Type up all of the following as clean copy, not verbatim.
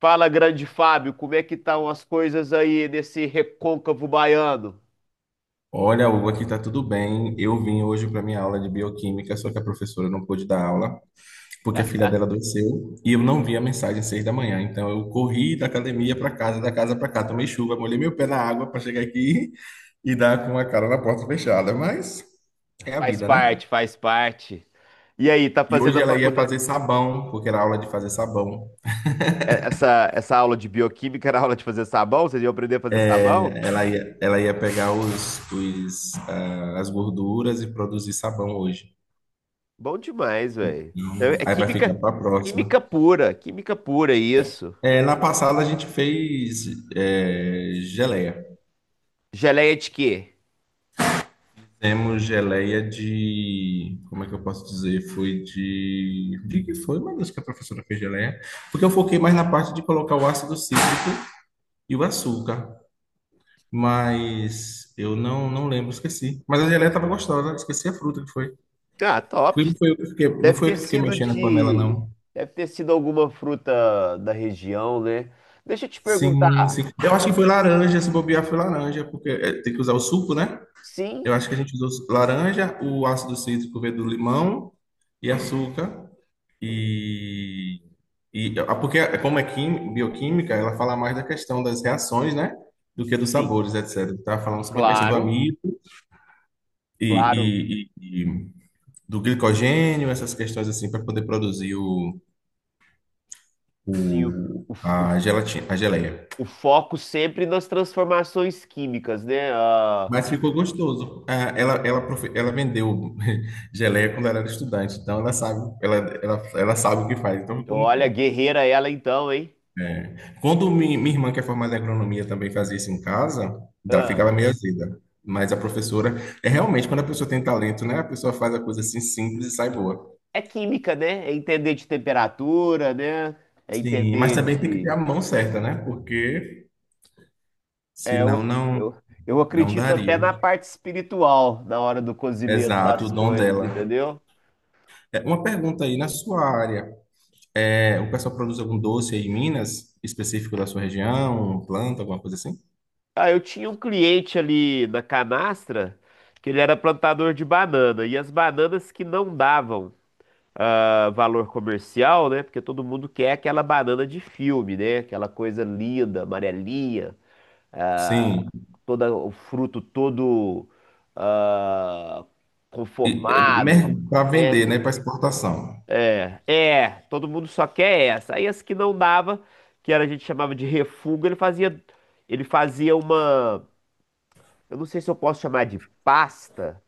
Fala, grande Fábio, como é que estão as coisas aí nesse recôncavo baiano? Olha, Hugo, aqui tá tudo bem. Eu vim hoje para minha aula de bioquímica, só que a professora não pôde dar aula porque a filha dela adoeceu e eu não vi a mensagem às 6 da manhã. Então eu corri da academia para casa, da casa para cá, tomei chuva, molhei meu pé na água para chegar aqui e dar com a cara na porta fechada. Mas é a Faz vida, né? parte, faz parte. E aí, tá E fazendo hoje a ela ia faculdade? fazer sabão, porque era aula de fazer sabão. É, essa aula de bioquímica era aula de fazer sabão? Vocês iam aprender a fazer sabão? É, ela ia pegar as gorduras e produzir sabão hoje. Bom demais, velho. Então, é Aí vai ficar química, para a próxima. Química pura, isso. É, na passada a gente fez geleia. Geleia de quê? Temos geleia de. Como é que eu posso dizer? Foi de. De que foi, meu Deus, que a professora fez geleia? Porque eu foquei mais na parte de colocar o ácido cítrico e o açúcar. Mas eu não lembro, esqueci. Mas a geleia estava gostosa, esqueci a fruta que foi. Ah, top. Não foi eu que fiquei, não Deve foi eu ter que fiquei sido mexendo na panela, de. não. Deve ter sido alguma fruta da região, né? Deixa eu te perguntar. Sim, sim. Eu acho que foi laranja, se bobear foi laranja, porque tem que usar o suco, né? Sim, Eu acho que a gente usou laranja, o ácido cítrico veio do limão e açúcar. E, e, porque como é bioquímica, ela fala mais da questão das reações, né? Do que dos sim, sabores, etc. Estava falando sobre a questão do claro, amido e, claro. e- e- e do glicogênio, essas questões assim, para poder produzir Sim, o, o- a gelatina, a geleia. o foco sempre nas transformações químicas, né? Ah, Mas ficou gostoso. Ah, ela vendeu geleia quando ela era estudante, então ela sabe, ela sabe o que faz, então ficou muito olha, bom. guerreira ela então, hein? Quando minha irmã, que é formada em agronomia, também fazia isso em casa, ficava Ah, meio azeda. Mas a professora, é realmente quando a pessoa tem talento, né? A pessoa faz a coisa assim simples e sai boa. é química, né? É entender de temperatura, né? É Sim, mas entender também tem que ter de. a mão certa, né? Porque É, eu, senão não, eu, eu não acredito até daria. na parte espiritual, na hora do cozimento Exato, o das dom coisas, dela. entendeu? É, uma pergunta aí na sua área. É, o pessoal produz algum doce aí em Minas, específico da sua região, planta, alguma coisa assim? Ah, eu tinha um cliente ali na canastra que ele era plantador de banana, e as bananas que não davam. Valor comercial, né? Porque todo mundo quer aquela banana de filme, né? Aquela coisa linda, amarelinha, Sim. toda, o fruto todo ah, E, conformado, para né? vender, né? Para exportação. É, todo mundo só quer essa. Aí as que não dava, que era, a gente chamava de refugo, ele fazia uma, eu não sei se eu posso chamar de pasta,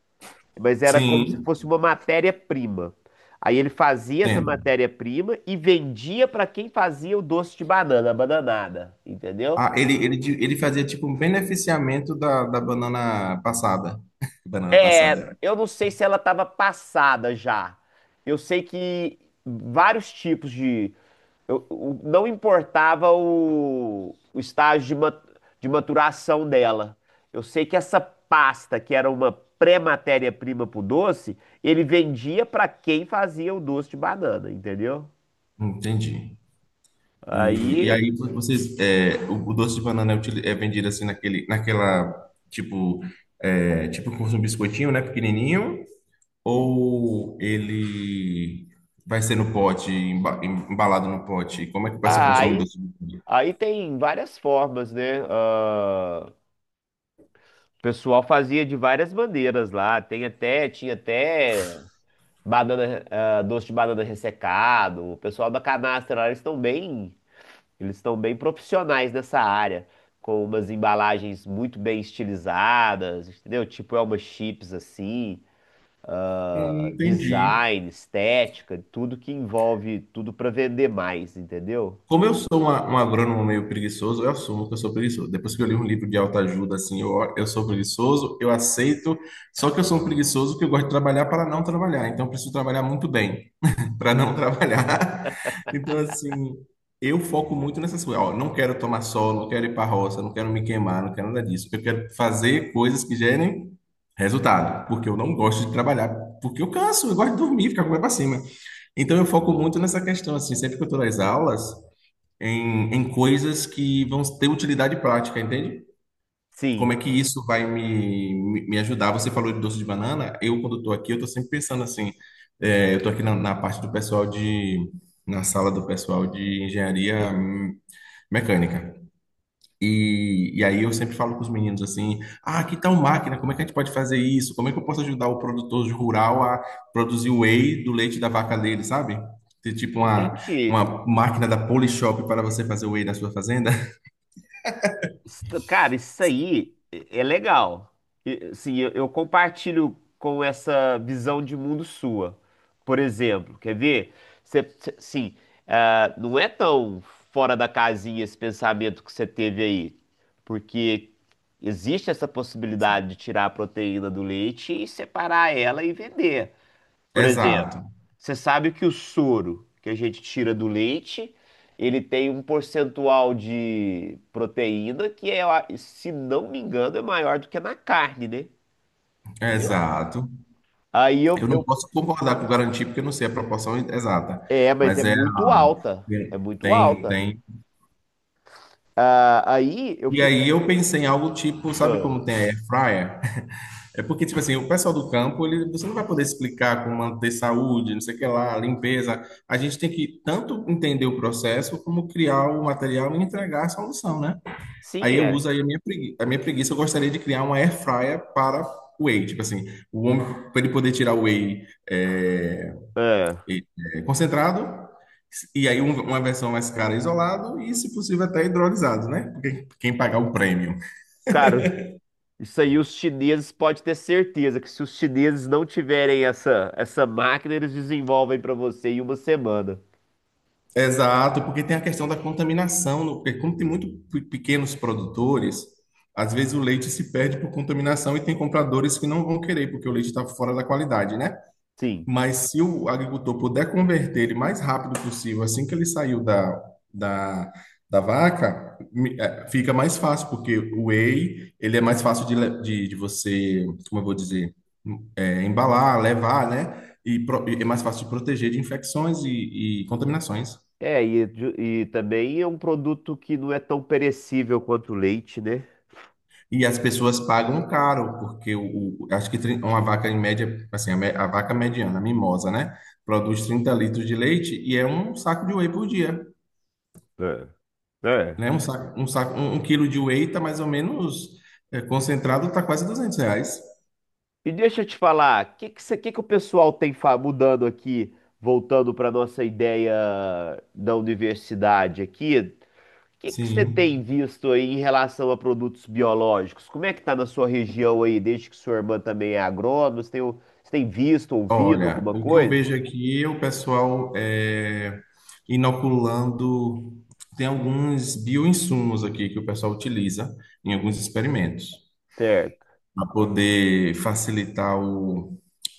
mas era como se Sim, fosse uma matéria-prima. Aí ele fazia essa entendo. matéria-prima e vendia para quem fazia o doce de banana, a bananada, entendeu? Ah, ele fazia tipo um beneficiamento da banana passada. Banana É, passada. eu não sei se ela estava passada já. Eu sei que vários tipos de. Não importava o estágio de maturação dela. Eu sei que essa pasta, que era uma pré-matéria-prima para o doce, ele vendia para quem fazia o doce de banana, entendeu? É. Entendi. E, Aí, e aí vocês, é, o doce de banana é, é vendido assim naquele, naquela, tipo, tipo como se fosse um biscoitinho, né? Pequenininho. Ou ele vai ser no pote, embalado no pote? Como é que vai ser ah, consome aí, doce do leite? aí, tem várias formas, né? Ah, o pessoal fazia de várias maneiras lá. Tinha até banana, doce de banana ressecado. O pessoal da canastra lá, eles estão bem profissionais nessa área, com umas embalagens muito bem estilizadas, entendeu? Tipo Elma Chips assim, Entendi. design, estética, tudo que envolve tudo para vender mais, entendeu? Como eu sou uma, um agrônomo meio preguiçoso, eu assumo que eu sou preguiçoso. Depois que eu li um livro de autoajuda, assim, eu sou preguiçoso, eu aceito. Só que eu sou um preguiçoso que eu gosto de trabalhar para não trabalhar. Então, eu preciso trabalhar muito bem, para não trabalhar. Então, assim, eu foco muito nessas coisas. Ó, não quero tomar sol, não quero ir para roça, não quero me queimar, não quero nada disso. Eu quero fazer coisas que gerem resultado, porque eu não gosto de trabalhar, porque eu canso, eu gosto de dormir, ficar com o pé para cima. Então, eu foco muito nessa questão, assim, sempre que eu estou nas aulas, em coisas que vão ter utilidade prática, entende? Sim. Como é que isso vai me ajudar? Você falou de doce de banana. Eu, quando estou aqui, eu estou sempre pensando assim. Eu estou aqui na parte do pessoal de, na sala do pessoal de engenharia mecânica. E aí eu sempre falo com os meninos assim: ah, que tal máquina? Como é que a gente pode fazer isso? Como é que eu posso ajudar o produtor rural a produzir o whey do leite da vaca dele, sabe? Ter tipo uma, Entendi. uma máquina da Polishop para você fazer o whey na sua fazenda? Cara, isso aí é legal. E, assim, eu compartilho com essa visão de mundo sua. Por exemplo, quer ver? Assim, não é tão fora da casinha esse pensamento que você teve aí. Porque existe essa possibilidade de tirar a proteína do leite e separar ela e vender. Por exemplo, Exato, você sabe que o soro que a gente tira do leite, ele tem um percentual de proteína que é, se não me engano, é maior do que na carne, né? Entendeu? exato. Aí Eu não eu- posso concordar com garantir, porque eu não sei a proporção exata, é, Mas é mas muito alta, é muito tem, alta. tem. Ah, aí eu E fico, aí eu pensei em algo tipo, sabe ah, como tem a air fryer? É porque, tipo assim, o pessoal do campo, ele, você não vai poder explicar como manter saúde, não sei o que lá, limpeza. A gente tem que tanto entender o processo, como criar o material e entregar a solução, né? sim, Aí eu é. uso aí a minha preguiça. A minha preguiça, eu gostaria de criar uma air fryer para whey. Tipo assim, o homem, para ele poder tirar o whey Ah, E- concentrado, e aí uma versão mais cara isolado e, se possível, até hidrolisado, né? Porque quem pagar o prêmio. cara, isso aí os chineses pode ter certeza que se os chineses não tiverem essa máquina, eles desenvolvem para você em uma semana. Exato, porque tem a questão da contaminação, porque como tem muito pequenos produtores, às vezes o leite se perde por contaminação e tem compradores que não vão querer, porque o leite está fora da qualidade, né? Sim. Mas se o agricultor puder converter ele mais rápido possível, assim que ele saiu da, da, da vaca, fica mais fácil, porque o whey, ele é mais fácil de você, como eu vou dizer, embalar, levar, né? E é mais fácil de proteger de infecções e contaminações. É, e também é um produto que não é tão perecível quanto o leite, né? E as pessoas pagam caro, porque acho que uma vaca em média, assim, a vaca mediana, a mimosa, né? Produz 30 litros de leite e é um saco de whey por dia. É. É. Né? Um quilo de whey tá mais ou menos concentrado, tá quase 200 reais. E deixa eu te falar, o que que o pessoal tem mudando aqui, voltando para nossa ideia da universidade aqui? O que que você tem Sim. visto aí em relação a produtos biológicos? Como é que tá na sua região aí, desde que sua irmã também é agrônoma? Você tem visto, ouvido Olha, alguma o que eu coisa? vejo aqui é o pessoal inoculando. Tem alguns bioinsumos aqui que o pessoal utiliza em alguns experimentos Certo. para poder facilitar o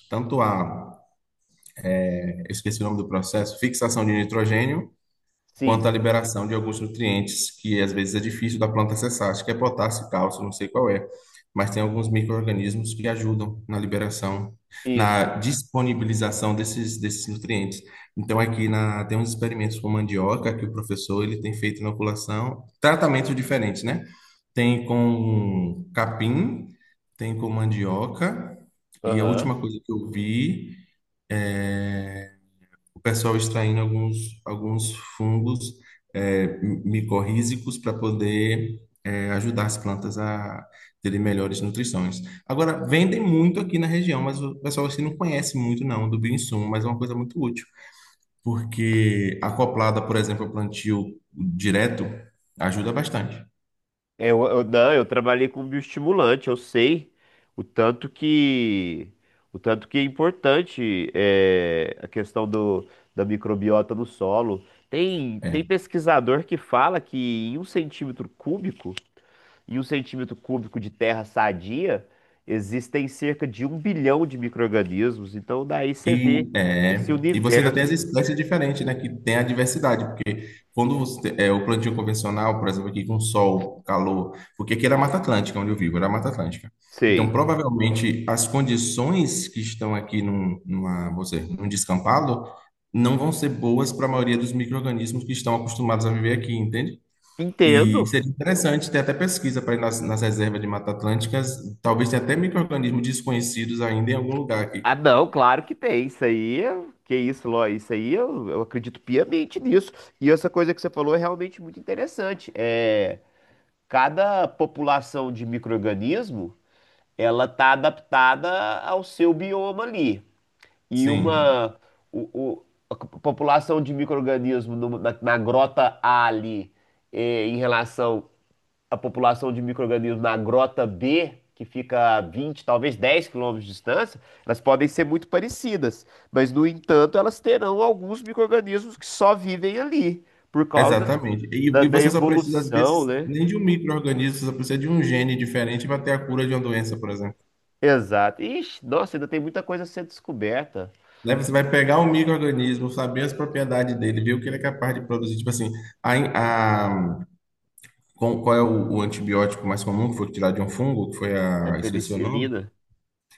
tanto a, eu esqueci o nome do processo, fixação de nitrogênio Sim, quanto à liberação de alguns nutrientes que às vezes é difícil da planta acessar. Acho que é potássio, cálcio, não sei qual é, mas tem alguns micro-organismos que ajudam na liberação, isso. na disponibilização desses nutrientes. Então aqui na, tem uns experimentos com mandioca que o professor ele tem feito inoculação, tratamentos diferentes, né? Tem com capim, tem com mandioca, e a Aham. última coisa que eu vi é o pessoal extraindo alguns fungos micorrízicos para poder ajudar as plantas a terem melhores nutrições. Agora, vendem muito aqui na região, mas o pessoal assim não conhece muito não do bioinsumo, mas é uma coisa muito útil, porque acoplada, por exemplo, ao plantio direto, ajuda bastante. Não, eu trabalhei com bioestimulante, eu sei o tanto que o tanto que é importante a questão do, da microbiota no solo. Tem, É. tem pesquisador que fala que em um centímetro cúbico, de terra sadia, existem cerca de 1 bilhão de micro-organismos. Então daí você vê E, esse é, e você ainda tem as universo. espécies diferentes, né? Que tem a diversidade. Quando você, o plantio convencional, por exemplo, aqui com sol, calor, porque aqui era Mata Atlântica, onde eu vivo, era Mata Atlântica. Então, Sei. provavelmente, as condições que estão aqui vou num descampado não vão ser boas para a maioria dos micro-organismos que estão acostumados a viver aqui, entende? E Entendo. seria interessante ter até pesquisa para ir nas reservas de Mata Atlânticas, talvez tenha até micro-organismos desconhecidos ainda em algum lugar aqui. Ah, não, claro que tem. Isso aí, que isso, Ló, isso aí eu acredito piamente nisso. E essa coisa que você falou é realmente muito interessante. É, cada população de micro-organismo, ela tá adaptada ao seu bioma ali. E Sim. uma o, o- a c- População de micro-organismo na grota A ali, é, em relação a população de micro-organismos na grota B, que fica a 20 talvez 10 quilômetros de distância, elas podem ser muito parecidas, mas, no entanto, elas terão alguns micro-organismos que só vivem ali, por causa Exatamente. E, da, e da você só precisa, às evolução, vezes, né? nem de um micro-organismo, você só precisa de um gene diferente para ter a cura de uma doença, por exemplo. Exato. Ixi, nossa, ainda tem muita coisa a ser descoberta. Né? Você vai pegar um micro-organismo, saber as propriedades dele, ver o que ele é capaz de produzir. Tipo assim, a, in- a- qual é o antibiótico mais comum que foi tirado de um fungo, que foi É a, esqueci o nome. penicilina.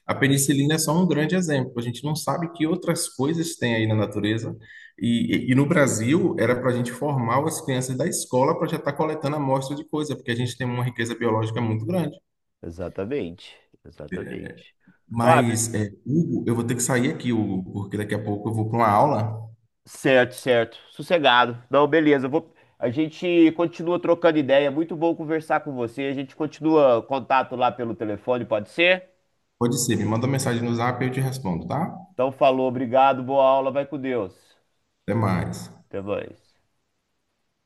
A penicilina é só um grande exemplo. A gente não sabe que outras coisas tem aí na natureza. E no Brasil, era para a gente formar as crianças da escola para já estar coletando amostra de coisa, porque a gente tem uma riqueza biológica muito grande. Exatamente, exatamente. Fábio, Mas, Hugo, eu vou ter que sair aqui, Hugo, porque daqui a pouco eu vou para uma aula. certo, certo. Sossegado. Não, beleza. Eu vou... A gente continua trocando ideia. É muito bom conversar com você. A gente continua contato lá pelo telefone, pode ser? Pode ser, me manda uma mensagem no Zap e eu te respondo, tá? Então, falou, obrigado, boa aula, vai com Deus. Até mais. Até mais.